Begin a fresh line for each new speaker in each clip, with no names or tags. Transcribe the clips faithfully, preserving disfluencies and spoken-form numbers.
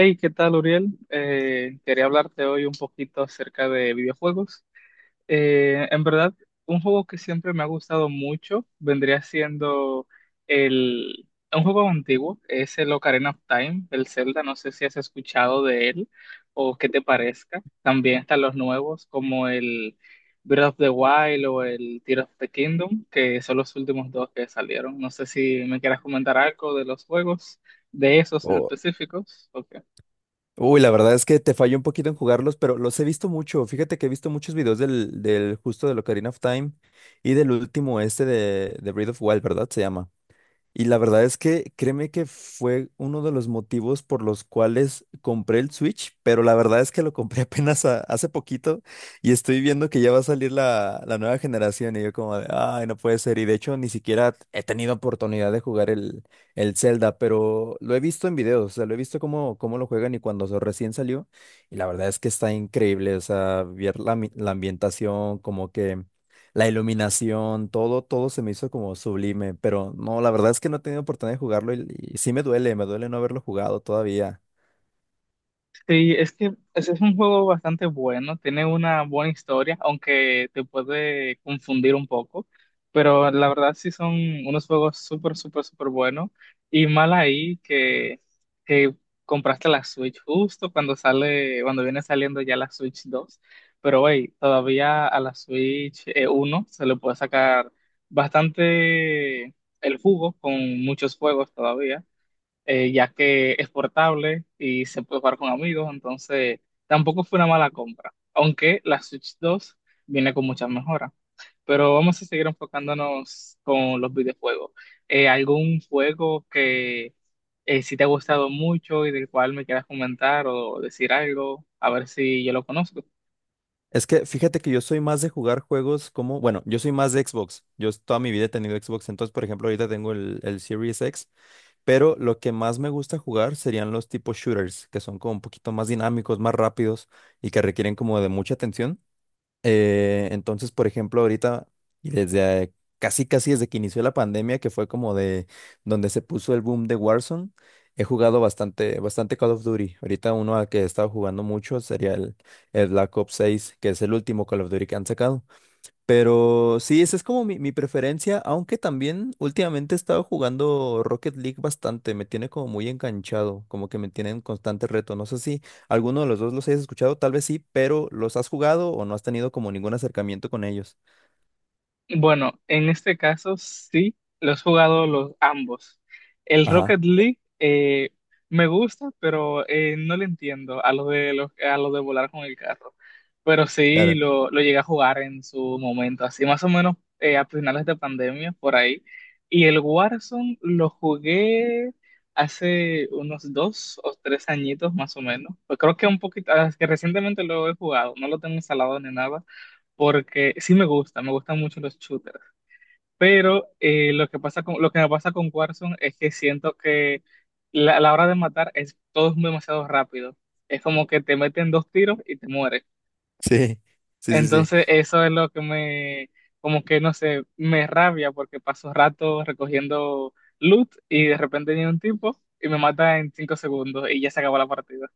Hey, ¿qué tal, Uriel? Eh, quería hablarte hoy un poquito acerca de videojuegos. Eh, en verdad, un juego que siempre me ha gustado mucho vendría siendo el, un juego antiguo, es el Ocarina of Time, el Zelda. No sé si has escuchado de él o qué te parezca. También están los nuevos como el Breath of the Wild o el Tears of the Kingdom, que son los últimos dos que salieron. No sé si me quieras comentar algo de los juegos, de esos en
O
específicos. Ok.
uy, la verdad es que te fallo un poquito en jugarlos, pero los he visto mucho. Fíjate que he visto muchos videos del, del justo del Ocarina of Time y del último este de, de Breath of Wild, ¿verdad? Se llama. Y la verdad es que créeme que fue uno de los motivos por los cuales compré el Switch, pero la verdad es que lo compré apenas a- hace poquito y estoy viendo que ya va a salir la, la nueva generación y yo como de, ay, no puede ser. Y de hecho ni siquiera he tenido oportunidad de jugar el, el Zelda, pero lo he visto en videos, o sea, lo he visto cómo, cómo lo juegan y cuando se- recién salió. Y la verdad es que está increíble, o sea, ver la, mi- la ambientación, como que... La iluminación, todo, todo se me hizo como sublime, pero no, la verdad es que no he tenido oportunidad de jugarlo y, y sí me duele, me duele no haberlo jugado todavía.
Sí, es que ese es un juego bastante bueno, tiene una buena historia, aunque te puede confundir un poco, pero la verdad sí son unos juegos súper, súper, súper buenos. Y mal ahí que, que compraste la Switch justo cuando sale, cuando viene saliendo ya la Switch dos, pero hey, todavía a la Switch eh, uno se le puede sacar bastante el jugo con muchos juegos todavía, eh, ya que es portable y se puede jugar con amigos, entonces tampoco fue una mala compra, aunque la Switch dos viene con muchas mejoras. Pero vamos a seguir enfocándonos con los videojuegos. Eh, ¿algún juego que eh, si te ha gustado mucho y del cual me quieras comentar o decir algo? A ver si yo lo conozco.
Es que fíjate que yo soy más de jugar juegos como, bueno, yo soy más de Xbox, yo s- toda mi vida he tenido Xbox, entonces por ejemplo ahorita tengo el, el Series X, pero lo que más me gusta jugar serían los tipos shooters, que son como un poquito más dinámicos, más rápidos y que requieren como de mucha atención. Eh, entonces, por ejemplo, ahorita y desde eh, casi casi desde que inició la pandemia, que fue como de donde se puso el boom de Warzone, he jugado bastante, bastante Call of Duty. Ahorita uno al que he estado jugando mucho sería el, el Black Ops seis, que es el último Call of Duty que han sacado. Pero sí, esa es como mi, mi preferencia, aunque también últimamente he estado jugando Rocket League bastante, me tiene como muy enganchado, como que me tiene en constante reto. No sé si alguno de los dos los hayas escuchado, tal vez sí, pero ¿los has jugado o no has tenido como ningún acercamiento con ellos?
Bueno, en este caso sí, los he jugado los ambos. El Rocket
Ajá,
League eh, me gusta, pero eh, no le entiendo a lo de los- a lo de volar con el carro. Pero sí
claro.
lo, lo llegué a jugar en su momento, así más o menos, eh, a finales de pandemia, por ahí. Y el Warzone lo jugué hace unos dos o tres añitos más o menos. Pues creo que un poquito, ah, es que recientemente lo he jugado, no lo tengo instalado ni nada porque sí me gusta, me gustan mucho los shooters, pero eh, lo que pasa con, lo que me pasa con Warzone es que siento que la, a la hora de matar es todo es demasiado rápido. Es como que te meten dos tiros y te mueres.
Sí, sí, sí, sí.
Entonces eso es lo que me, como que no sé, me rabia porque paso rato recogiendo loot y de repente viene un tipo y me mata en cinco segundos y ya se acabó la partida.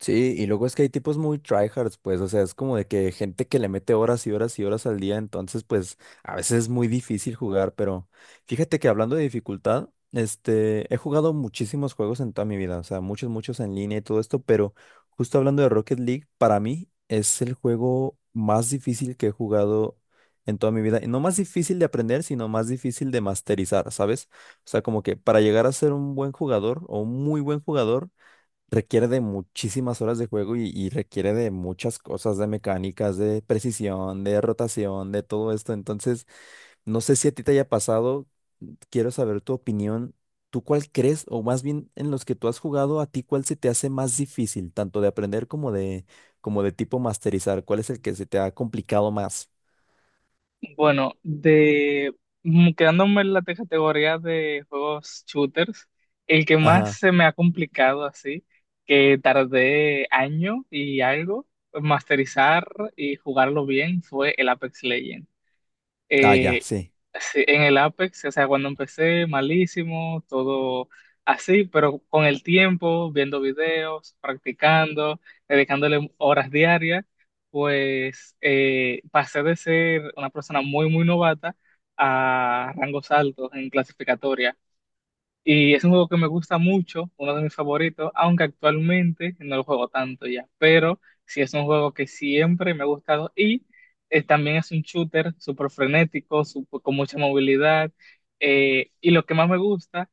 Sí, y luego es que hay tipos muy tryhards, pues, o sea, es como de que gente que le mete horas y horas y horas al día, entonces, pues, a veces es muy difícil jugar, pero fíjate que hablando de dificultad, este, he jugado muchísimos juegos en toda mi vida, o sea, muchos, muchos en línea y todo esto, pero justo hablando de Rocket League, para mí es el juego más difícil que he jugado en toda mi vida, y no más difícil de aprender, sino más difícil de masterizar, ¿sabes? O sea, como que para llegar a ser un buen jugador o un muy buen jugador, requiere de muchísimas horas de juego y, y requiere de muchas cosas, de mecánicas, de precisión, de rotación, de todo esto. Entonces, no sé si a ti te haya pasado, quiero saber tu opinión. ¿Tú cuál crees, o más bien en los que tú has jugado, a ti cuál se te hace más difícil, tanto de aprender como de, como de tipo masterizar? ¿Cuál es el que se te ha complicado más?
Bueno, de mm, quedándome en la te- categoría de juegos shooters, el que más
Ajá.
se me ha complicado así, que tardé año y algo en masterizar y jugarlo bien, fue el Apex Legends.
Ah, ya,
Eh,
sí.
sí, en el Apex, o sea, cuando empecé, malísimo, todo así, pero con el tiempo, viendo videos, practicando, dedicándole horas diarias, pues eh, pasé de ser una persona muy, muy novata a rangos altos en clasificatoria. Y es un juego que me gusta mucho, uno de mis favoritos, aunque actualmente no lo juego tanto ya, pero sí es un juego que siempre me ha gustado y, eh, también es un shooter súper frenético, sup- con mucha movilidad. Eh, y lo que más me gusta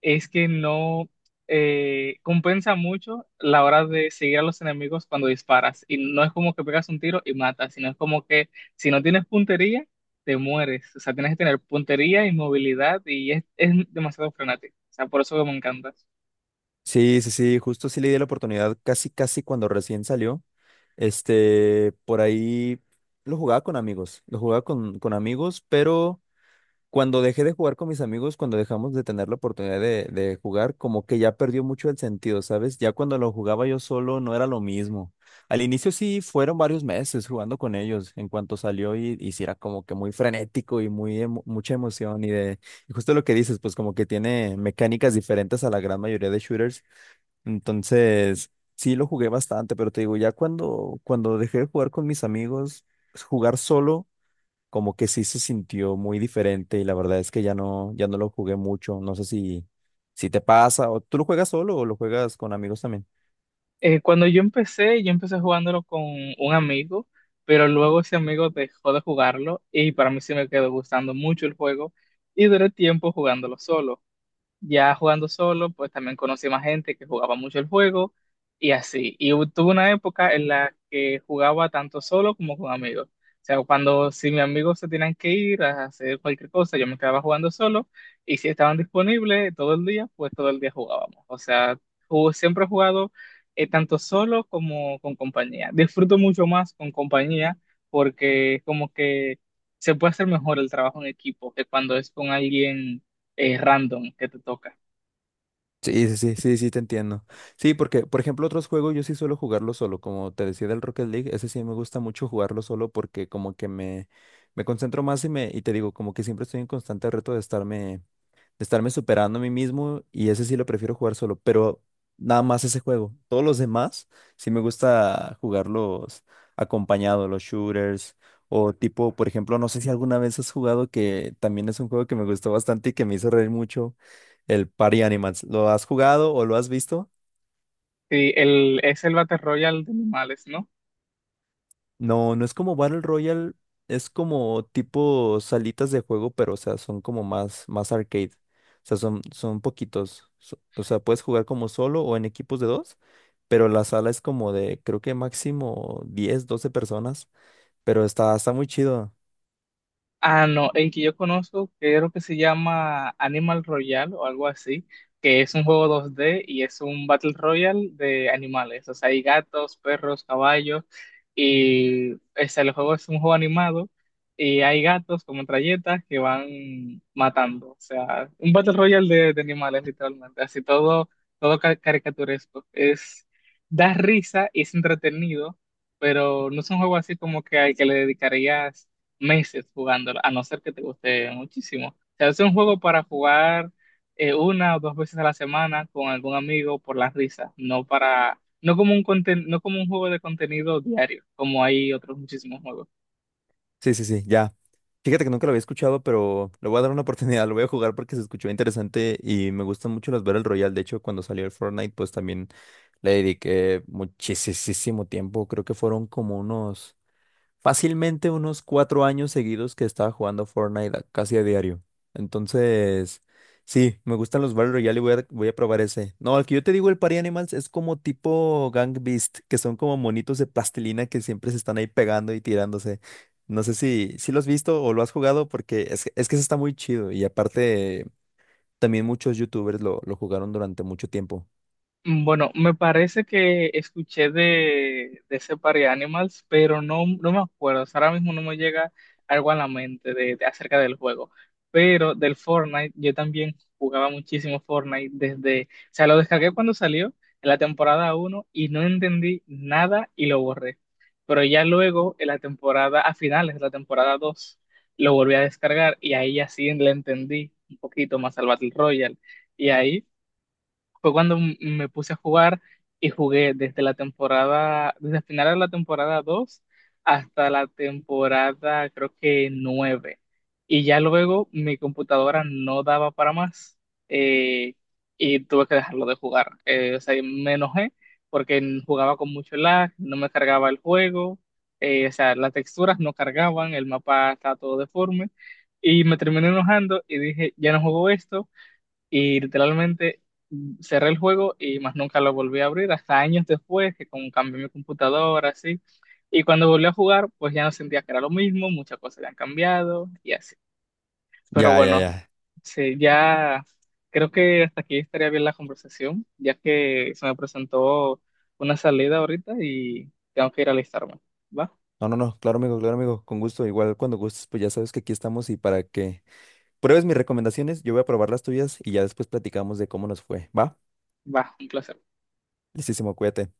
es que no eh, compensa mucho la hora de seguir a los enemigos cuando disparas. Y no es como que pegas un tiro y matas, sino es como que si no tienes puntería, te mueres. O sea, tienes que tener puntería y movilidad y es, es demasiado frenético. O sea, por eso que me encanta.
Sí, sí, sí, justo sí le di la oportunidad casi, casi cuando recién salió. Este, por ahí lo jugaba con amigos, lo jugaba con, con amigos, pero cuando dejé de jugar con mis amigos, cuando dejamos de tener la oportunidad de, de jugar, como que ya perdió mucho el sentido, ¿sabes? Ya cuando lo jugaba yo solo no era lo mismo. Al inicio sí fueron varios meses jugando con ellos, en cuanto salió y, y sí era como que muy frenético y muy emo- mucha emoción y de... Y justo lo que dices, pues como que tiene mecánicas diferentes a la gran mayoría de shooters entonces, sí lo jugué bastante, pero te digo, ya cuando, cuando dejé de jugar con mis amigos, jugar solo, como que sí se sintió muy diferente y la verdad es que ya no, ya no lo jugué mucho. No sé si, si te pasa o tú lo juegas solo o lo juegas con amigos también.
Eh, cuando yo empecé, yo empecé, jugándolo con un amigo, pero luego ese amigo dejó de jugarlo y para mí sí me quedó gustando mucho el juego y duré tiempo jugándolo solo. Ya jugando solo, pues también conocí más gente que jugaba mucho el juego y así. Y hu- tuve una época en la que jugaba tanto solo como con amigos. O sea, cuando si mis amigos se tenían que ir a hacer cualquier cosa, yo me quedaba jugando solo y si estaban disponibles todo el día, pues todo el día jugábamos. O sea, ju- siempre he jugado, eh, tanto solo como con compañía. Disfruto mucho más con compañía porque como que se puede hacer mejor el trabajo en equipo que cuando es con alguien eh, random que te toca.
Sí, sí, sí, sí, sí, te entiendo. Sí, porque, por ejemplo, otros juegos yo sí suelo jugarlo solo, como te decía del Rocket League, ese sí me gusta mucho jugarlo solo porque como que me, me concentro más y me, y te digo, como que siempre estoy en constante reto de estarme de estarme superando a mí mismo y ese sí lo prefiero jugar solo, pero nada más ese juego. Todos los demás sí me gusta jugarlos acompañado, los shooters o tipo, por ejemplo, no sé si alguna vez has jugado que también es un juego que me gustó bastante y que me hizo reír mucho, el Party Animals. ¿Lo has jugado o lo has visto?
Sí, el, es el Battle Royale de animales, ¿no?
No, no es como Battle Royale, es como tipo salitas de juego, pero o sea, son como más, más arcade. O sea, son, son poquitos. so- O sea, puedes jugar como solo o en equipos de dos, pero la sala es como de, creo que máximo diez, doce personas, pero está, está muy chido.
Ah, no, el que yo conozco creo que se llama Animal Royale o algo así, que es un juego dos D y es un Battle Royale de animales. O sea, hay gatos, perros, caballos y o sea, el juego es un juego animado y hay gatos como metralletas que van matando. O sea, un Battle Royale de, de animales literalmente, así todo, todo ca- caricaturesco. Es, da risa y es entretenido, pero no es un juego así como que al que le dedicarías meses jugándolo, a no ser que te guste muchísimo. O sea, es un juego para jugar eh, una o dos veces a la semana con algún amigo por la risa, no para, no como un conten- no como un juego de contenido diario, como hay otros muchísimos juegos.
Sí, sí, sí, ya. Fíjate que nunca lo había escuchado, pero le voy a dar una oportunidad, lo voy a jugar porque se escuchó interesante y me gustan mucho los Battle Royale. De hecho, cuando salió el Fortnite, pues también le dediqué muchísimo tiempo. Creo que fueron como unos Fácilmente unos cuatro años seguidos que estaba jugando Fortnite a- casi a diario. Entonces, sí, me gustan los Battle Royale y voy a, voy a probar ese. No, el que yo te digo, el Party Animals, es como tipo Gang Beast, que son como monitos de plastilina que siempre se están ahí pegando y tirándose. No sé si, si lo has visto o lo has jugado, porque es, es que ese está muy chido. Y aparte, también muchos YouTubers lo, lo jugaron durante mucho tiempo.
Mm, Bueno, me parece que escuché de, de ese par de Animals, pero no, no me acuerdo. O sea, ahora mismo no me llega algo a la mente de, de- acerca del juego. Pero del Fortnite, yo también jugaba muchísimo Fortnite desde, o sea, lo descargué cuando salió en la temporada uno y no entendí nada y lo borré. Pero ya luego, en la temporada, a finales de la temporada dos, lo volví a descargar y ahí ya sí le entendí un poquito más al Battle Royale. Y ahí fue cuando m- me puse a jugar y jugué desde la temporada, desde el final de la temporada dos hasta la temporada creo que nueve. Y ya luego mi computadora no daba para más, eh, y tuve que dejarlo de jugar. Eh, o sea, y me enojé porque n- jugaba con mucho lag, no me cargaba el juego, eh, o sea, las texturas no cargaban, el mapa estaba todo deforme. Y me terminé enojando y dije, ya no juego esto y literalmente, mm, cerré el juego y más nunca lo volví a abrir hasta años después, que como cambié mi computadora, así. Y cuando volví a jugar, pues ya no sentía que era lo mismo, muchas cosas ya han cambiado y así. Pero
Ya, ya,
bueno,
ya.
sí, ya creo que hasta aquí estaría bien la conversación, ya que se me presentó una salida ahorita y tengo que ir a alistarme. ¿Va?
No, no, no, claro, amigo, claro, amigo, con gusto. Igual cuando gustes, pues ya sabes que aquí estamos y para que pruebes mis recomendaciones, yo voy a probar las tuyas y ya después platicamos de cómo nos fue. Va,
Va, un placer.
listísimo, cuídate.